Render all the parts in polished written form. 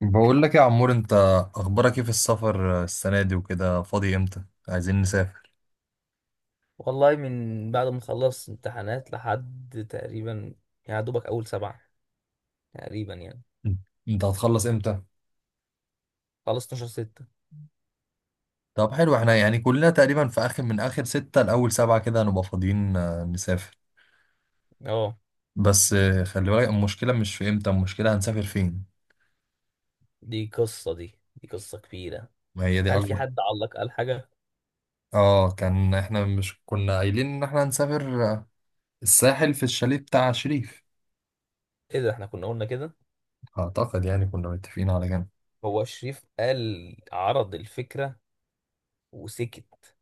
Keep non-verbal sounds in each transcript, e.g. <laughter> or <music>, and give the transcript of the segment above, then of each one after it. بقول لك يا عمور، انت اخبارك ايه في السفر السنه دي وكده؟ فاضي امتى؟ عايزين نسافر. والله، من بعد ما خلصت امتحانات لحد تقريبا يعني دوبك اول سبعة تقريبا يعني. انت هتخلص امتى؟ خلص 12 ستة. طب حلو، احنا يعني كلنا تقريبا في اخر من اخر ستة لاول سبعة كده هنبقى فاضيين، نسافر. اه، بس خلي بالك، المشكله مش في امتى، المشكله هنسافر فين. دي قصة كبيرة. ما هي دي هل في اكبر. حد علق قال حاجة؟ اه، كان احنا مش كنا قايلين ان احنا هنسافر، الساحل في الشاليه بتاع شريف. ايه ده، احنا كنا قلنا كده؟ اعتقد يعني كنا متفقين على كده. هو شريف قال عرض الفكرة وسكت،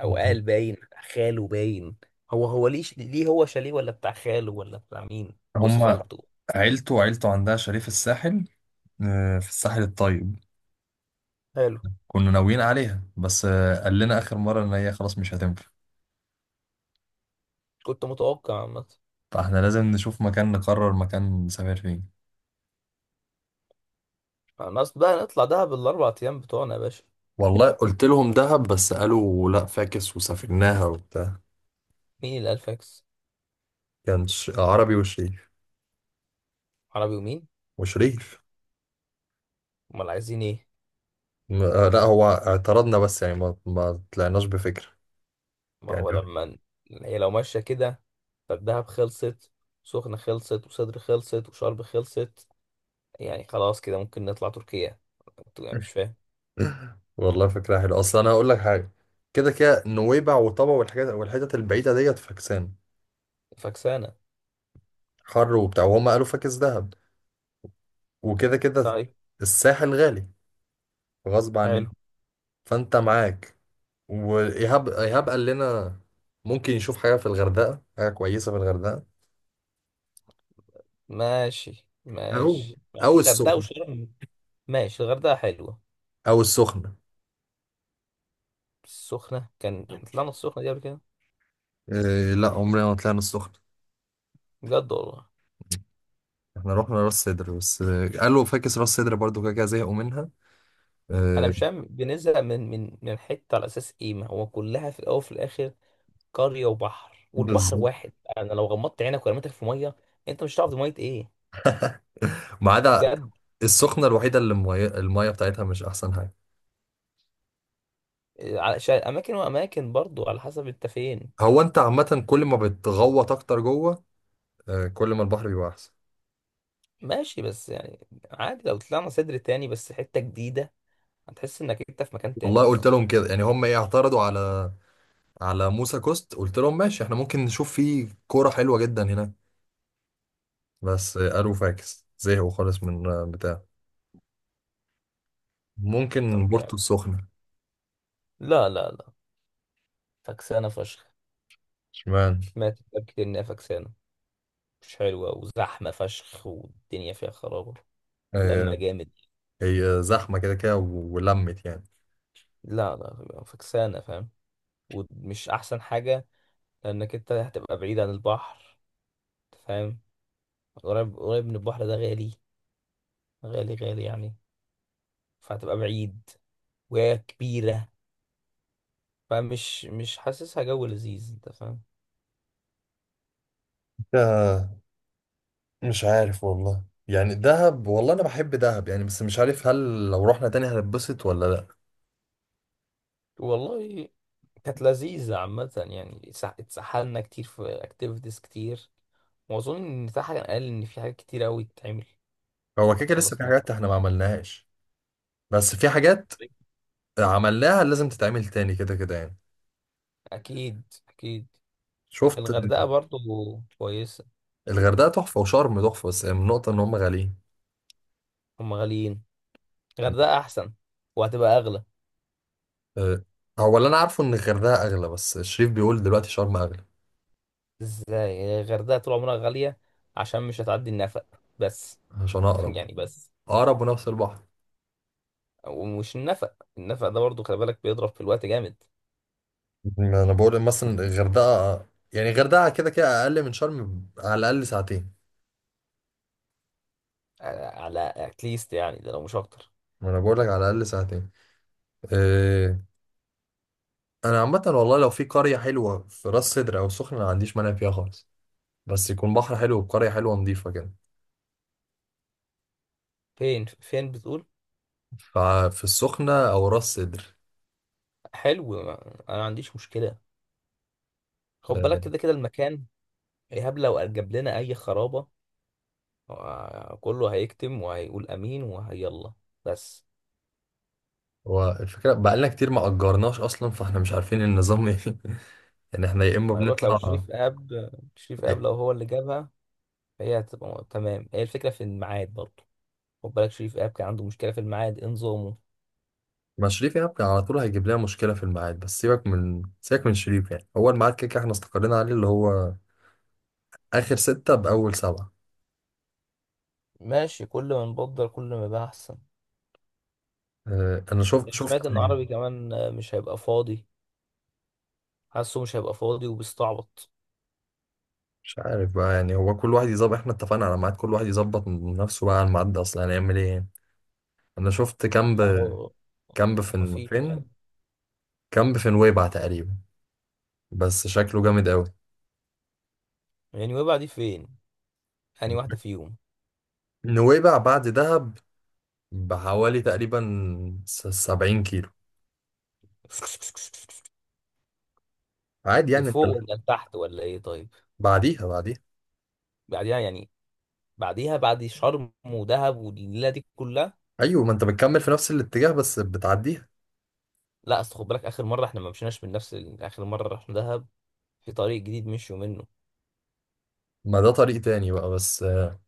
او قال باين بتاع خاله باين. هو ليه هو شاليه ولا بتاع خاله ولا بتاع مين، جوز هم خالته؟ عيلته، وعيلته عندها شاليه في الساحل، في الساحل الطيب. حلو. كنا ناويين عليها، بس قال لنا آخر مرة إن هي خلاص مش هتنفع. كنت متوقع عامة. فاحنا لازم نشوف مكان، نقرر مكان نسافر فين. خلاص بقى نطلع دهب الاربع ايام بتوعنا يا باشا. والله قلت لهم دهب، بس قالوا لا فاكس، وسافرناها وبتاع. مين اللي قال فاكس؟ كان عربي وشريف عربي ومين؟ وشريف امال عايزين ايه؟ لا، هو اعترضنا، بس يعني ما طلعناش بفكرة ما يعني. هو لما هي لو ماشيه كده، فالدهب خلصت، سخنه خلصت، وصدر خلصت، وشرم خلصت. يعني خلاص كده ممكن نطلع تركيا. انتوا يعني، مش فاهم. <laughs> والله فكرة حلوة، أصل أنا هقول لك حاجة. كده كده نويبع وطبع والحاجات والحتت البعيدة ديت فاكسان، فكسانه؟ حر وبتاع، وهم قالوا فاكس دهب. وكده كده طيب. الساحل غالي، غصب عننا. حلو. فانت معاك، وايهاب قال لنا ممكن يشوف حاجه في الغردقه، حاجه كويسه في الغردقه. ماشي او ماشي، مع إن او الغردقه السخنه وشرم. ماشي الغردقه حلوه. او السخنه السخنه، كان احنا طلعنا السخنه دي قبل كده؟ إيه، لا، عمرنا ما طلعنا السخنه. بجد والله. احنا رحنا راس سدر بس قالوا فاكس راس سدر برضو، كده كده زهقوا منها، انا آه. مش فاهم، بنزهق من حته على اساس ايه؟ ما هو كلها في الاول وفي الاخر قرية وبحر، والبحر بالظبط، واحد. انا لو غمضت عينك ورميتك في مية، انت مش هتعرف دي مية ايه، ما عدا بجد. السخنه الوحيده اللي الميه بتاعتها مش احسن حاجه. على اماكن واماكن برضو، على حسب انت فين. هو انت عامه كل ما بتغوط اكتر جوه، كل ما البحر بيبقى احسن. ماشي، بس يعني عادي لو طلعنا صدر تاني، بس حتة جديدة، هتحس انك انت في مكان والله تاني قلت اصلا. لهم كده، يعني هم ايه اعترضوا على على موسى كوست. قلت لهم ماشي احنا ممكن نشوف فيه كورة حلوة جدا هناك، بس قالوا فاكس، زهقوا خالص من بتاع. ممكن طب بورتو يعني، السخنة. لا لا لا، فكسانة فشخ، اشمعنى؟ ماتت. كتير انها فكسانة، مش حلوة وزحمة فشخ، والدنيا فيها خرابة لما آه. جامد. هي زحمة كده كده ولمت يعني، لا لا، فكسانة فاهم، ومش احسن حاجة، لانك انت هتبقى بعيد عن البحر، فاهم؟ قريب قريب من البحر ده غالي، غالي غالي يعني، فهتبقى بعيد، وهي كبيرة. فمش مش حاسسها جو لذيذ، انت فاهم. آه. مش عارف والله، يعني دهب، والله انا بحب دهب يعني، بس مش عارف هل لو رحنا تاني هنتبسط ولا لا. والله كانت لذيذة عامة يعني، اتسحلنا كتير في اكتيفيتيز كتير، واظن ان تحت كان قال ان في حاجات كتير قوي تتعمل. هو كده كده لسه في خلصنا. حاجات احنا ما عملناهاش، بس في حاجات عملناها لازم تتعمل تاني، كده كده يعني. اكيد اكيد. شفت؟ الغردقة برضو كويسة. الغردقة تحفة وشرم تحفة، بس النقطة ان هم غاليين. هم غاليين. الغردقة احسن، وهتبقى اغلى. أه، هو اللي انا عارفه ان الغردقه اغلى، بس الشريف بيقول دلوقتي شرم اغلى. ازاي؟ الغردقة طول عمرها غالية، عشان مش هتعدي النفق بس. عشان <laughs> اقرب، يعني بس. اقرب ونفس البحر. ومش النفق، النفق ده برضو خلي بالك بيضرب في الوقت جامد. ما انا بقول مثلا الغردقه، يعني الغردقه كده كده اقل من شرم على الاقل ساعتين. على اتليست يعني، ده لو مش اكتر. ما انا بقول لك على الاقل ساعتين، أه. انا عامه والله لو في قريه حلوه في راس سدر او السخنه ما عنديش مانع فيها خالص، بس يكون بحر حلو وقريه حلوه نظيفه كده. فين فين بتقول؟ ففي السخنه او راس سدر، حلو. انا ما عنديش مشكله. خد بالك أه. كده كده المكان، ايهاب لو جاب لنا اي خرابه آه، كله هيكتم وهيقول امين وهيلا بس. والفكره بقالنا كتير ما اجرناش اصلا، فاحنا مش عارفين النظام ايه <laughs> يعني احنا يا اما ما انا بقولك، لو بنطلع. شريف اب، شريف اب لو هو اللي جابها، فهي هتبقى تمام. هي الفكره في الميعاد برضو، خد بالك شريف اب كان عنده مشكله في الميعاد انظامه. ما شريف يعني كان على طول هيجيب لنا مشكلة في الميعاد، بس سيبك من شريف. يعني هو الميعاد كده كده احنا استقرينا عليه، اللي هو آخر ستة بأول سبعة. ماشي، كل ما نبدل كل ما يبقى احسن. اه، أنا شفت أنا شفت سمعت ان عربي كمان مش هيبقى فاضي، حاسه مش هيبقى فاضي وبيستعبط. مش عارف بقى، يعني هو كل واحد يظبط، احنا اتفقنا على ميعاد، كل واحد يظبط من نفسه بقى على الميعاد ده، أصلا هنعمل إيه يعني. أنا شفت كامب. ما هو كامب في مفيش يعني. فين؟ كامب في نويبع تقريبا، بس شكله جامد أوي. يعني ويبقى دي فين؟ يعني واحده فيهم. نويبع بعد دهب بحوالي تقريبا 70 كيلو، عادي يعني. أنت لفوق ولا لتحت ولا ايه؟ طيب. بعديها. بعديها يعني، بعديها بعد شرم ودهب والليله دي كلها. ايوه، ما انت بتكمل في نفس الاتجاه بس بتعديها. لا، اصل خد بالك اخر مره احنا ما مشيناش من نفس اخر مره رحنا دهب في طريق جديد مشوا منه. ما ده طريق تاني بقى، بس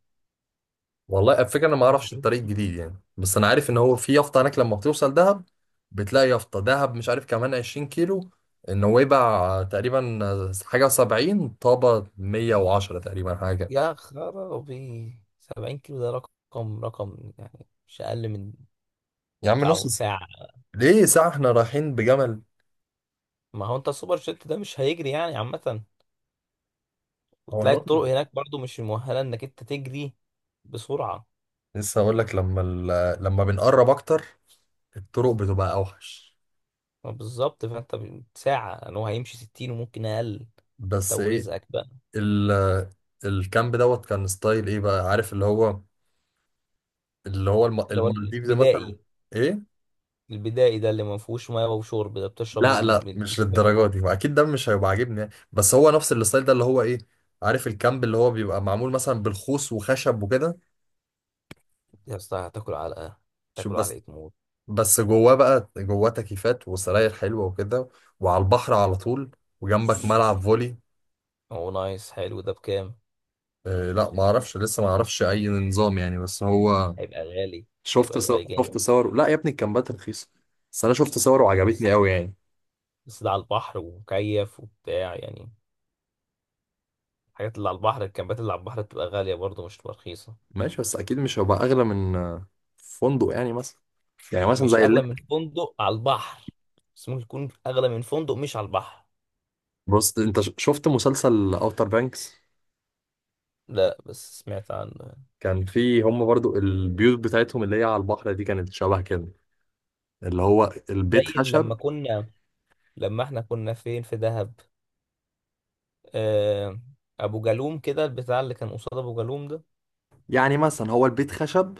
والله الفكره انا ما اعرفش الطريق الجديد يعني، بس انا عارف ان هو في يافطه هناك لما بتوصل دهب، بتلاقي يافطه دهب مش عارف كمان 20 كيلو. النويبع تقريبا حاجه 70، طابه 110 تقريبا، حاجه كده. يا خرابي، 70 كيلو ده رقم، يعني مش اقل من يا عم نص ساعه. ساعه. ليه ساعه؟ احنا رايحين بجمل؟ ما هو انت السوبر جيت ده مش هيجري يعني عامة، هو وتلاقي الطرق نقطة، هناك برضو مش مؤهلة انك انت تجري بسرعة. لسه هقول لك لما ال... لما بنقرب اكتر الطرق بتبقى اوحش. ما بالظبط، فانت ساعة، ان هو هيمشي 60 وممكن اقل. انت بس ايه، ورزقك بقى. ال الكامب دوت، كان ستايل ايه بقى، عارف اللي هو اللي هو اللي هو المالديفز مثلا. البدائي. ايه؟ البدائي ده اللي ما فيهوش ميه وشرب، ده بتشرب لا لا، من مش الترعة. للدرجه دي، واكيد ده مش هيبقى عاجبني يعني. بس هو نفس الستايل ده اللي هو ايه، عارف الكامب اللي هو بيبقى معمول مثلا بالخوص وخشب وكده. يا اسطى هتاكل علقة. شوف تاكل بس. علقة موت. بس جواه بقى جواه تكييفات وسراير حلوه وكده، وعلى البحر على طول، وجنبك ملعب فولي. هو نايس. حلو، ده بكام؟ آه لا، ما اعرفش لسه، ما اعرفش اي نظام يعني، بس هو هيبقى غالي. شفت هيبقى غالي صور جامد شفت صور لا يا ابني، الكامبات رخيصه. بس انا شفت صور بس. وعجبتني قوي يعني. بس ده على البحر ومكيف وبتاع يعني. الحاجات اللي على البحر، الكامبات اللي على البحر بتبقى غالية برضه، مش بتبقى رخيصة. ماشي، بس اكيد مش هيبقى اغلى من فندق يعني مثلا، يعني مثلا مش زي اللي... أغلى من فندق على البحر، بس ممكن يكون أغلى من فندق مش على البحر. بص، انت شفت مسلسل اوتر بانكس؟ لا، بس سمعت عن. كان فيه هم برضو البيوت بتاعتهم اللي هي على البحر دي كانت شبه كده، اللي هو زي البيت خشب. لما كنا، لما احنا كنا فين في دهب؟ آه، أبو جالوم كده، البتاع اللي كان قصاد أبو جالوم ده. يعني مثلا هو البيت خشب،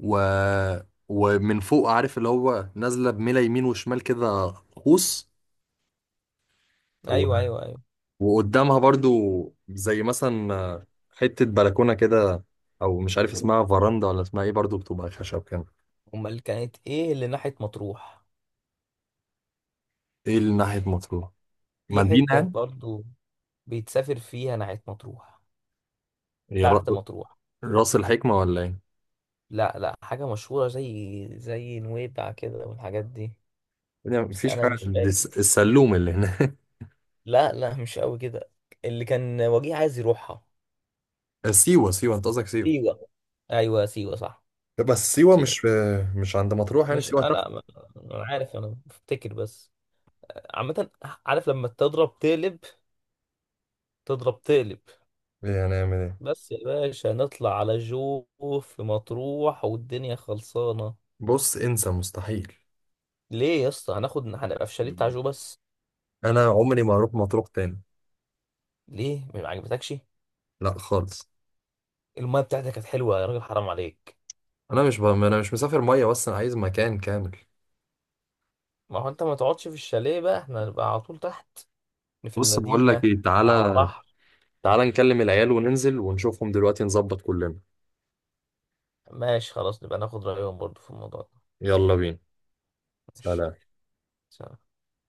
و... ومن فوق، عارف اللي هو نازلة بميلة يمين وشمال كده قوس، و... أيوه أيوه أيوه. وقدامها برضو زي مثلا حتة بلكونة كده، او مش عارف اسمها فراندا ولا اسمها ايه، برضو بتبقى خشب كده. أمال كانت إيه اللي ناحية مطروح؟ ايه اللي ناحية مطروح؟ في مدينة حتة يعني. برضه بيتسافر فيها ناحية مطروح، هي تحت مطروح. راس الحكمة ولا ايه؟ لا لا، حاجة مشهورة زي زي نويبع كده والحاجات دي. يعني بس مفيش انا حاجة مش دي فاكر. السلوم اللي هناك. لا لا، مش قوي كده. اللي كان وجيه عايز يروحها. <laughs> سيوة، سيوة، انت قصدك سيوة. سيوة. ايوه سيوة، صح. بس سيوة سيوة. مش في، مش عند مطروح يعني، مش سيوة تحت. انا، انا عارف، انا بفتكر بس. عامة، عارف لما تضرب تقلب، تضرب تقلب. يعني هنعمل ايه. بس يا باشا نطلع على جو في مطروح والدنيا خلصانة. بص، انسى، مستحيل. ليه يا اسطى؟ هناخد، هنبقى في شاليه بتاع جو بس. انا عمري ما اروح مطروح تاني. ليه، ما عجبتكش؟ لا خالص. المايه بتاعتك كانت حلوة يا راجل، حرام عليك. انا مش ب... انا مش مسافر مية، بس انا عايز مكان كامل. ما هو انت ما تقعدش في الشاليه بقى، احنا هنبقى على طول تحت في بص بقول لك المدينة ايه، على تعالى البحر. تعالى نكلم العيال وننزل ونشوفهم دلوقتي نظبط كلنا. ماشي خلاص، نبقى ناخد رأيهم برضو في الموضوع ده. يلا بينا. ماشي، سلام. سلام.